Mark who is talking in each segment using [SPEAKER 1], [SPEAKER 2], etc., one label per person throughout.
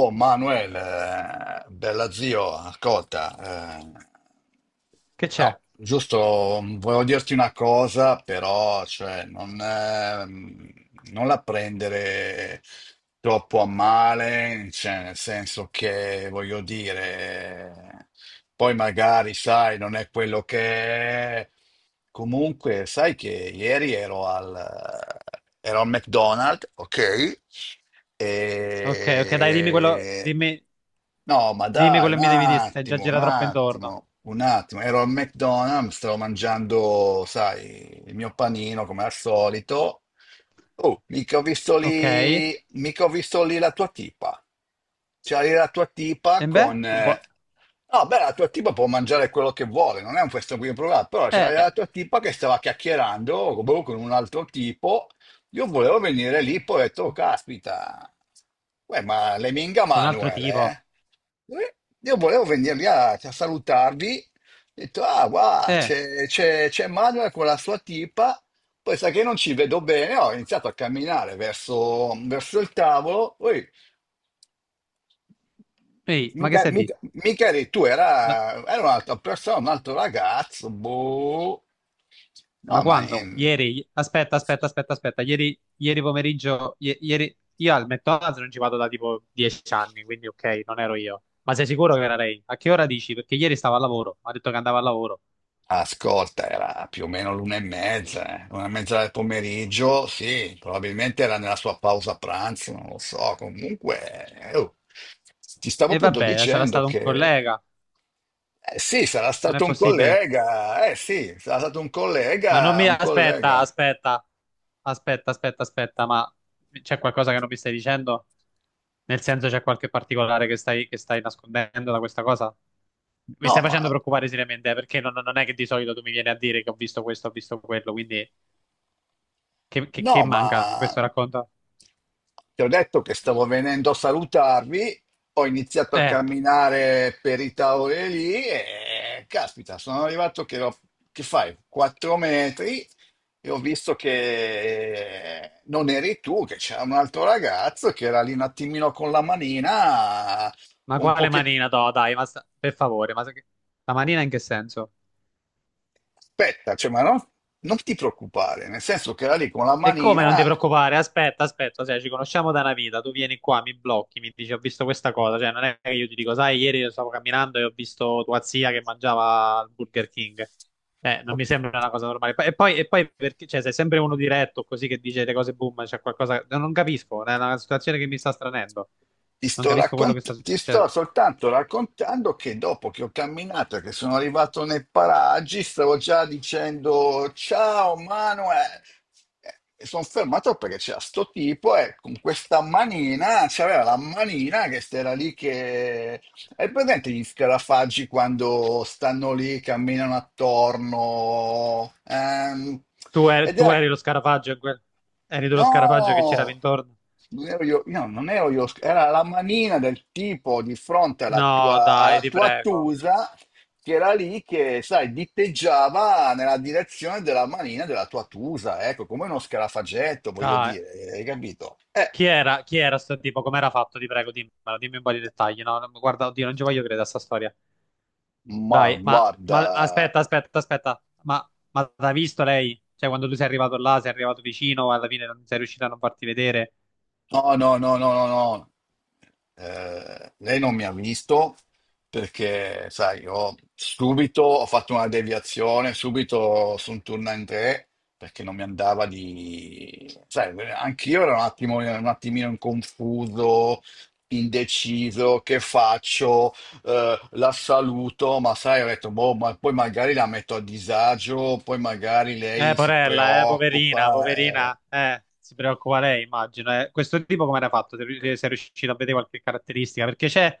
[SPEAKER 1] Oh Manuel, bella zio, ascolta,
[SPEAKER 2] Che c'è?
[SPEAKER 1] no, giusto, volevo dirti una cosa, però, cioè, non la prendere troppo a male, cioè, nel senso che, voglio dire, poi magari, sai, non è quello che è. Comunque, sai che ieri ero al McDonald's, ok?
[SPEAKER 2] Ok, ok, dai,
[SPEAKER 1] E no, ma
[SPEAKER 2] dimmi
[SPEAKER 1] dai,
[SPEAKER 2] quello
[SPEAKER 1] un
[SPEAKER 2] che mi devi dire. Stai già
[SPEAKER 1] attimo, un
[SPEAKER 2] gira troppo intorno.
[SPEAKER 1] attimo, un attimo. Ero al McDonald's, stavo mangiando, sai, il mio panino come al solito. Oh, mica ho visto
[SPEAKER 2] Ok, e
[SPEAKER 1] lì, mica ho visto lì la tua tipa. C'era lì la tua tipa
[SPEAKER 2] beh,
[SPEAKER 1] con...
[SPEAKER 2] non può...
[SPEAKER 1] no, beh, la tua tipa può mangiare quello che vuole, non è un questo qui problema, però c'era la
[SPEAKER 2] Eh,
[SPEAKER 1] tua tipa che stava chiacchierando boh, con un altro tipo. Io volevo venire lì, poi ho detto, "Oh, caspita, uè, ma le minga
[SPEAKER 2] con un altro
[SPEAKER 1] Manuel,
[SPEAKER 2] tipo.
[SPEAKER 1] eh?" Eh, Io volevo venire lì a salutarvi, ho detto, ah, guarda,
[SPEAKER 2] Eh,
[SPEAKER 1] c'è Manuel con la sua tipa, poi sa che non ci vedo bene, ho iniziato a camminare verso il tavolo, poi
[SPEAKER 2] Ehi, ma che
[SPEAKER 1] mica,
[SPEAKER 2] stai di?
[SPEAKER 1] mica, mica eri tu, era,
[SPEAKER 2] Ma,
[SPEAKER 1] era un'altra persona, un altro ragazzo, boh, no,
[SPEAKER 2] ma
[SPEAKER 1] ma...
[SPEAKER 2] quando? Ieri? Aspetta, aspetta, aspetta, aspetta, ieri pomeriggio, ieri... Io al McDonald's non ci vado da tipo 10 anni, quindi ok, non ero io. Ma sei sicuro che era lei? A che ora dici? Perché ieri stavo al lavoro, ha detto che andava al lavoro.
[SPEAKER 1] Ascolta, era più o meno l'una e mezza, eh. Una e mezza del pomeriggio, sì, probabilmente era nella sua pausa pranzo, non lo so. Comunque, oh, ti stavo
[SPEAKER 2] E
[SPEAKER 1] appunto
[SPEAKER 2] vabbè, sarà
[SPEAKER 1] dicendo
[SPEAKER 2] stato un
[SPEAKER 1] che
[SPEAKER 2] collega,
[SPEAKER 1] sì, sarà
[SPEAKER 2] non è
[SPEAKER 1] stato un
[SPEAKER 2] possibile.
[SPEAKER 1] collega, eh sì, sarà stato un
[SPEAKER 2] Ma non
[SPEAKER 1] collega,
[SPEAKER 2] mi
[SPEAKER 1] un
[SPEAKER 2] aspetta,
[SPEAKER 1] collega.
[SPEAKER 2] aspetta, aspetta, aspetta, aspetta, ma c'è qualcosa che non mi stai dicendo? Nel senso, c'è qualche particolare che stai nascondendo da questa cosa? Mi
[SPEAKER 1] No,
[SPEAKER 2] stai facendo
[SPEAKER 1] ma
[SPEAKER 2] preoccupare seriamente, perché non è che di solito tu mi vieni a dire che ho visto questo, ho visto quello, quindi che, che
[SPEAKER 1] No,
[SPEAKER 2] manca in
[SPEAKER 1] ma
[SPEAKER 2] questo racconto?
[SPEAKER 1] ti ho detto che stavo venendo a salutarvi, ho iniziato a
[SPEAKER 2] Eh,
[SPEAKER 1] camminare per i tavoli lì e caspita, sono arrivato che, che fai, 4 metri e ho visto che non eri tu, che c'era un altro ragazzo che era lì un attimino con la manina,
[SPEAKER 2] ma
[SPEAKER 1] un po'
[SPEAKER 2] quale
[SPEAKER 1] che...
[SPEAKER 2] manina, no, dai, ma per favore, ma la manina in che senso?
[SPEAKER 1] Aspetta, cioè, ma non ti preoccupare, nel senso che era lì con la
[SPEAKER 2] E come non ti
[SPEAKER 1] manina...
[SPEAKER 2] preoccupare? Aspetta, aspetta, cioè, ci conosciamo da una vita, tu vieni qua, mi blocchi, mi dici ho visto questa cosa, cioè non è che io ti dico, sai, ieri stavo camminando e ho visto tua zia che mangiava il Burger King. Non mi sembra una cosa normale. E poi perché, cioè, sei sempre uno diretto così che dice le cose boom, c'è qualcosa, non capisco, è una situazione che mi sta stranendo.
[SPEAKER 1] Ti
[SPEAKER 2] Non
[SPEAKER 1] sto,
[SPEAKER 2] capisco quello che sta
[SPEAKER 1] raccont- ti
[SPEAKER 2] succedendo.
[SPEAKER 1] sto soltanto raccontando che dopo che ho camminato, e che sono arrivato nei paraggi, stavo già dicendo ciao Manuel. E sono fermato perché c'era sto tipo e con questa manina, c'aveva la manina che era lì che... Hai presente gli scarafaggi quando stanno lì, camminano attorno?
[SPEAKER 2] Tu,
[SPEAKER 1] Ed era
[SPEAKER 2] eri lo scarafaggio, eri tu lo scarafaggio che girava
[SPEAKER 1] No,
[SPEAKER 2] intorno.
[SPEAKER 1] non ero io non ero io, era la manina del tipo di fronte alla
[SPEAKER 2] No,
[SPEAKER 1] tua,
[SPEAKER 2] dai,
[SPEAKER 1] alla
[SPEAKER 2] ti
[SPEAKER 1] tua
[SPEAKER 2] prego.
[SPEAKER 1] Tusa che era lì che, sai, diteggiava nella direzione della manina della tua Tusa, ecco, come uno scarafagetto, voglio
[SPEAKER 2] Dai.
[SPEAKER 1] dire, hai capito?
[SPEAKER 2] Chi era sto tipo? Com'era fatto? Ti prego, dimmelo, dimmi un po' di dettagli. No, no, guarda, oddio, non ci voglio credere a sta storia.
[SPEAKER 1] Ma
[SPEAKER 2] Dai,
[SPEAKER 1] guarda.
[SPEAKER 2] ma aspetta, aspetta, aspetta. Ma l'ha visto lei? Cioè, quando tu sei arrivato là, sei arrivato vicino, alla fine non sei riuscito a non farti vedere.
[SPEAKER 1] No, no, no, no, no, no. Lei non mi ha visto perché, sai, io subito ho fatto una deviazione, subito sono tornato in tre perché non mi andava di... Sai, anch'io ero un attimino in confuso, indeciso, che faccio? La saluto, ma sai, ho detto, boh, ma poi magari la metto a disagio, poi magari lei si
[SPEAKER 2] Porella, poverina,
[SPEAKER 1] preoccupa. Eh.
[SPEAKER 2] poverina, si preoccupa lei, immagino. Eh. Questo tipo come era fatto? Se è riuscito a vedere qualche caratteristica? Perché c'è,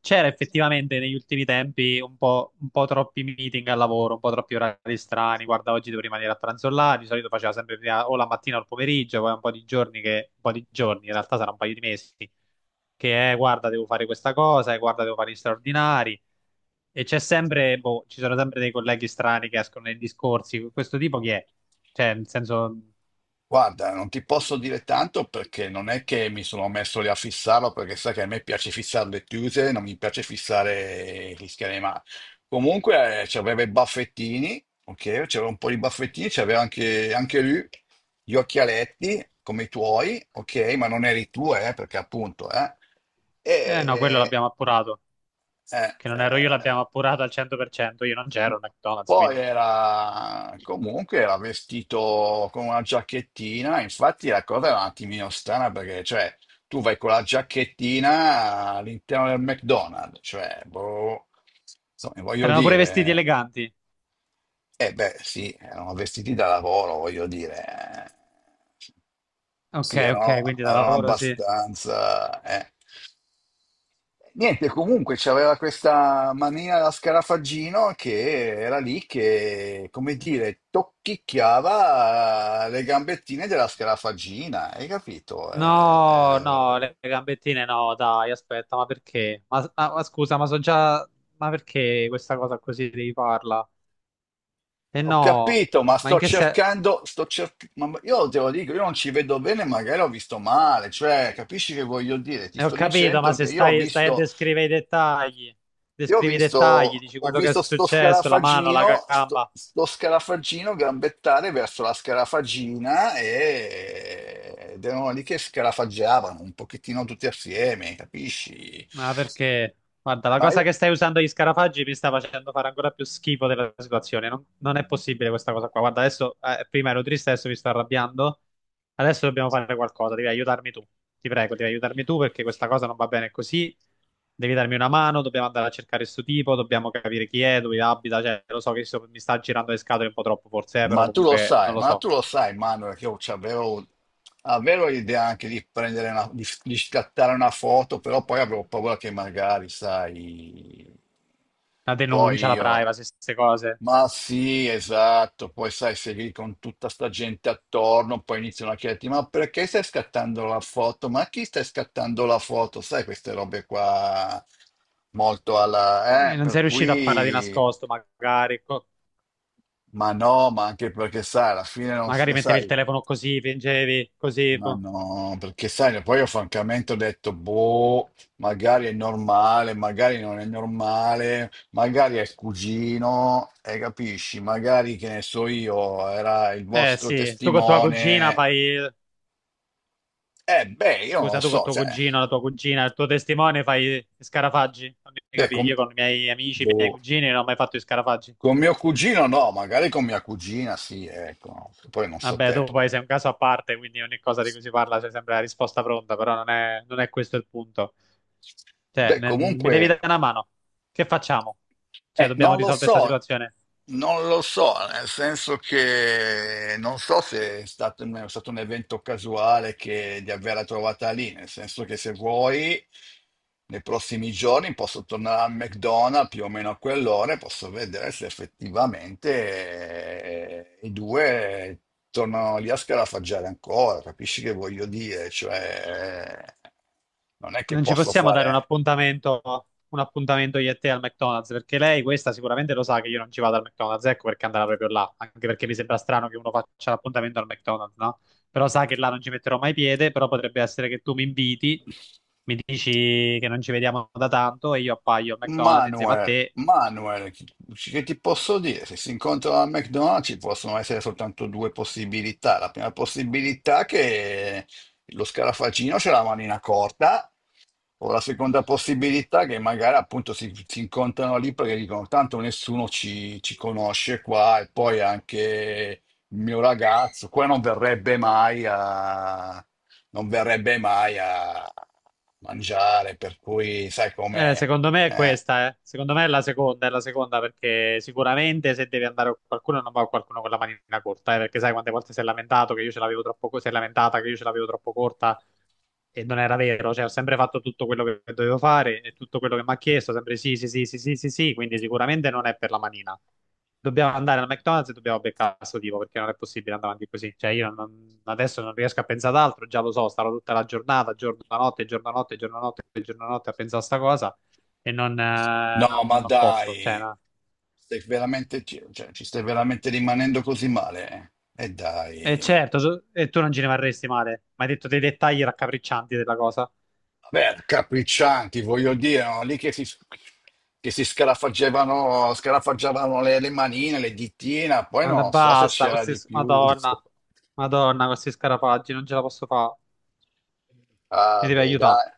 [SPEAKER 2] c'era effettivamente negli ultimi tempi un po' troppi meeting al lavoro, un po' troppi orari strani. Guarda, oggi devo rimanere a pranzo là, di solito faceva sempre prima o la mattina o il pomeriggio, poi un po' di giorni, in realtà sarà un paio di mesi, che è, guarda, devo fare questa cosa, e guarda, devo fare gli straordinari. E c'è sempre, boh, ci sono sempre dei colleghi strani che escono nei discorsi. Questo tipo chi è? Cioè, nel senso,
[SPEAKER 1] Guarda, non ti posso dire tanto perché non è che mi sono messo lì a fissarlo, perché sai che a me piace fissare le chiuse, non mi piace fissare gli schemi, ma comunque c'aveva i baffettini, ok? C'aveva un po' di baffettini, c'aveva anche, anche lui gli occhialetti come i tuoi, ok? Ma non eri tu, perché appunto, eh.
[SPEAKER 2] eh no, quello
[SPEAKER 1] E,
[SPEAKER 2] l'abbiamo appurato.
[SPEAKER 1] eh,
[SPEAKER 2] Che non ero io,
[SPEAKER 1] eh,
[SPEAKER 2] l'abbiamo appurato al 100%. Io non c'ero al McDonald's,
[SPEAKER 1] poi
[SPEAKER 2] quindi.
[SPEAKER 1] era, comunque, era vestito con una giacchettina, infatti la cosa era un attimino strana perché cioè tu vai con la giacchettina all'interno del McDonald's, cioè boh, insomma, voglio
[SPEAKER 2] Erano pure vestiti
[SPEAKER 1] dire,
[SPEAKER 2] eleganti.
[SPEAKER 1] eh beh, sì, erano vestiti da lavoro, voglio dire. Eh.
[SPEAKER 2] Ok,
[SPEAKER 1] Sì,
[SPEAKER 2] ok,
[SPEAKER 1] erano,
[SPEAKER 2] quindi da
[SPEAKER 1] erano
[SPEAKER 2] lavoro sì.
[SPEAKER 1] abbastanza.... Niente, comunque c'aveva questa mania da scarafaggino che era lì che, come dire, tocchicchiava le gambettine della scarafaggina, hai capito?
[SPEAKER 2] No, no, le gambettine no, dai, aspetta, ma perché? Ma, ma scusa, ma so già. Ma perché questa cosa così devi farla? E
[SPEAKER 1] Ho
[SPEAKER 2] no,
[SPEAKER 1] capito, ma
[SPEAKER 2] ma in
[SPEAKER 1] sto
[SPEAKER 2] che senso?
[SPEAKER 1] cercando, ma io te lo dico, io non ci vedo bene, magari ho visto male, cioè, capisci che voglio dire? Ti
[SPEAKER 2] Ho
[SPEAKER 1] sto
[SPEAKER 2] capito, ma
[SPEAKER 1] dicendo che
[SPEAKER 2] se
[SPEAKER 1] io ho
[SPEAKER 2] stai a
[SPEAKER 1] visto,
[SPEAKER 2] descrivere i dettagli,
[SPEAKER 1] io ho
[SPEAKER 2] descrivi i dettagli,
[SPEAKER 1] visto,
[SPEAKER 2] dici
[SPEAKER 1] ho
[SPEAKER 2] quello che è
[SPEAKER 1] visto sto
[SPEAKER 2] successo, la mano, la
[SPEAKER 1] scarafaggino, sto,
[SPEAKER 2] gamba.
[SPEAKER 1] sto scarafaggino gambettare verso la scarafagina e... ed erano lì che scarafaggiavano un pochettino tutti assieme, capisci?
[SPEAKER 2] Ma perché? Guarda, la
[SPEAKER 1] Ma
[SPEAKER 2] cosa
[SPEAKER 1] io-
[SPEAKER 2] che stai usando gli scarafaggi mi sta facendo fare ancora più schifo della situazione. Non è possibile questa cosa qua. Guarda, adesso prima ero triste, adesso mi sto arrabbiando. Adesso dobbiamo fare qualcosa. Devi aiutarmi tu. Ti prego, devi aiutarmi tu perché questa cosa non va bene così. Devi darmi una mano. Dobbiamo andare a cercare questo tipo. Dobbiamo capire chi è, dove abita. Cioè, lo so che mi sta girando le scatole un po' troppo, forse, però
[SPEAKER 1] Ma tu lo
[SPEAKER 2] comunque non
[SPEAKER 1] sai,
[SPEAKER 2] lo
[SPEAKER 1] ma
[SPEAKER 2] so.
[SPEAKER 1] tu lo sai, Manuel, che io avevo l'idea anche di prendere una, di scattare una foto, però poi avevo paura che magari, sai,
[SPEAKER 2] La denuncia,
[SPEAKER 1] poi
[SPEAKER 2] la
[SPEAKER 1] io,
[SPEAKER 2] privacy, queste cose.
[SPEAKER 1] ma sì, esatto, poi sai, sei lì con tutta sta gente attorno, poi iniziano a chiederti, ma perché stai scattando la foto? Ma a chi stai scattando la foto? Sai, queste robe qua, molto alla,
[SPEAKER 2] Non
[SPEAKER 1] per
[SPEAKER 2] sei riuscito a farla di
[SPEAKER 1] cui...
[SPEAKER 2] nascosto, magari.
[SPEAKER 1] Ma no, ma anche perché sai, alla fine non
[SPEAKER 2] Magari mettevi il
[SPEAKER 1] sai,
[SPEAKER 2] telefono così, fingevi, così.
[SPEAKER 1] ma
[SPEAKER 2] Boh.
[SPEAKER 1] no, perché sai, poi io francamente ho detto, boh, magari è normale, magari non è normale, magari è il cugino, e capisci, magari che ne so io, era il
[SPEAKER 2] Eh
[SPEAKER 1] vostro
[SPEAKER 2] sì, tu con tua cugina
[SPEAKER 1] testimone.
[SPEAKER 2] fai...
[SPEAKER 1] Beh, io non lo
[SPEAKER 2] Scusa, tu con
[SPEAKER 1] so,
[SPEAKER 2] tuo
[SPEAKER 1] cioè,
[SPEAKER 2] cugino, la tua cugina, il tuo testimone fai gli scarafaggi. Non mi
[SPEAKER 1] beh,
[SPEAKER 2] capi,
[SPEAKER 1] con,
[SPEAKER 2] io con i miei amici, i miei
[SPEAKER 1] boh,
[SPEAKER 2] cugini non ho mai fatto i scarafaggi.
[SPEAKER 1] con mio cugino no, magari con mia cugina sì, ecco, poi non so
[SPEAKER 2] Vabbè,
[SPEAKER 1] te.
[SPEAKER 2] tu poi sei un caso a parte, quindi ogni cosa di cui si parla c'è sempre la risposta pronta, però non è questo il punto. Cioè,
[SPEAKER 1] Beh,
[SPEAKER 2] mi devi
[SPEAKER 1] comunque
[SPEAKER 2] dare una mano. Che facciamo? Cioè, dobbiamo
[SPEAKER 1] Non lo
[SPEAKER 2] risolvere questa
[SPEAKER 1] so,
[SPEAKER 2] situazione.
[SPEAKER 1] non lo so, nel senso che non so se è stato un evento casuale che, di averla trovata lì, nel senso che se vuoi, nei prossimi giorni posso tornare al McDonald's più o meno a quell'ora e posso vedere se effettivamente i due tornano lì a scarafaggiare ancora, capisci che voglio dire? Cioè, non è che
[SPEAKER 2] Non ci
[SPEAKER 1] posso
[SPEAKER 2] possiamo dare
[SPEAKER 1] fare...
[SPEAKER 2] un appuntamento io e te al McDonald's, perché lei questa sicuramente lo sa che io non ci vado al McDonald's, ecco perché andava proprio là, anche perché mi sembra strano che uno faccia l'appuntamento al McDonald's, no? Però sa che là non ci metterò mai piede, però potrebbe essere che tu mi inviti, mi dici che non ci vediamo da tanto e io appaio al McDonald's insieme a
[SPEAKER 1] Manuel,
[SPEAKER 2] te.
[SPEAKER 1] Manuel, che ti posso dire? Se si incontrano al McDonald's ci possono essere soltanto due possibilità. La prima possibilità è che lo scarafaggino c'è la manina corta, o la seconda possibilità è che magari appunto si incontrano lì perché dicono tanto nessuno ci conosce qua e poi anche il mio ragazzo qua non verrebbe mai a mangiare, per cui sai com'è.
[SPEAKER 2] Secondo me è
[SPEAKER 1] Eh.
[SPEAKER 2] questa, eh. Secondo me è la seconda perché sicuramente se devi andare con qualcuno non va con qualcuno con la manina corta, perché sai quante volte si è lamentato che io ce l'avevo troppo, si è lamentata che io ce l'avevo troppo corta e non era vero, cioè ho sempre fatto tutto quello che dovevo fare e tutto quello che mi ha chiesto, sempre sì, sì, sì, sì, sì, sì, sì, quindi sicuramente non è per la manina. Dobbiamo andare al McDonald's e dobbiamo beccare questo tipo perché non è possibile andare avanti così. Cioè io adesso non riesco a pensare ad altro, già lo so, starò tutta la giornata, giorno a notte, giorno a notte, giorno a notte, giorno a notte a pensare a sta cosa e
[SPEAKER 1] No, ma
[SPEAKER 2] non posso. Cioè,
[SPEAKER 1] dai,
[SPEAKER 2] no.
[SPEAKER 1] stai veramente, ci cioè, ci stai veramente rimanendo così male? E
[SPEAKER 2] E
[SPEAKER 1] dai.
[SPEAKER 2] certo, tu, e tu non ci rimarresti male, mi hai detto dei dettagli raccapriccianti della cosa.
[SPEAKER 1] Vabbè, capriccianti, voglio dire, no? Lì che che si scarafaggiavano le manine, le dittine, poi
[SPEAKER 2] Ma
[SPEAKER 1] non so se
[SPEAKER 2] basta,
[SPEAKER 1] c'era
[SPEAKER 2] questi...
[SPEAKER 1] di più.
[SPEAKER 2] Madonna, Madonna, questi scarafaggi, non ce la posso fare. Mi
[SPEAKER 1] Ah,
[SPEAKER 2] devi
[SPEAKER 1] beh,
[SPEAKER 2] aiutare.
[SPEAKER 1] dai.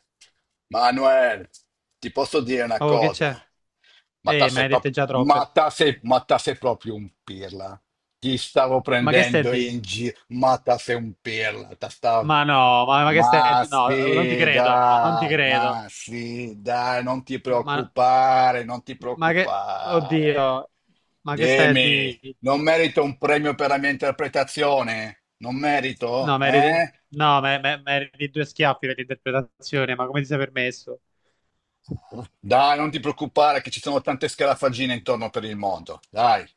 [SPEAKER 1] Manuel, ti posso dire una
[SPEAKER 2] Oh, che
[SPEAKER 1] cosa?
[SPEAKER 2] c'è?
[SPEAKER 1] Ma te
[SPEAKER 2] Me ne
[SPEAKER 1] sei
[SPEAKER 2] hai dette
[SPEAKER 1] proprio,
[SPEAKER 2] già troppe.
[SPEAKER 1] ma te sei proprio un pirla. Ti stavo
[SPEAKER 2] Ma che stai
[SPEAKER 1] prendendo
[SPEAKER 2] di?
[SPEAKER 1] in giro, ma te sei un pirla. Te stavo...
[SPEAKER 2] Ma no, ma che stai di? No, non ti credo, non ti credo.
[SPEAKER 1] Ma sì, dai, non ti
[SPEAKER 2] Ma,
[SPEAKER 1] preoccupare, non ti
[SPEAKER 2] ma che...
[SPEAKER 1] preoccupare.
[SPEAKER 2] Oddio, ma che stai
[SPEAKER 1] Dimmi,
[SPEAKER 2] di?
[SPEAKER 1] non merito un premio per la mia interpretazione? Non merito?
[SPEAKER 2] No, meriti...
[SPEAKER 1] Eh?
[SPEAKER 2] No, meriti due schiaffi per l'interpretazione, ma come ti sei permesso?
[SPEAKER 1] Dai, non ti preoccupare che ci sono tante scarafaggine intorno per il mondo. Dai.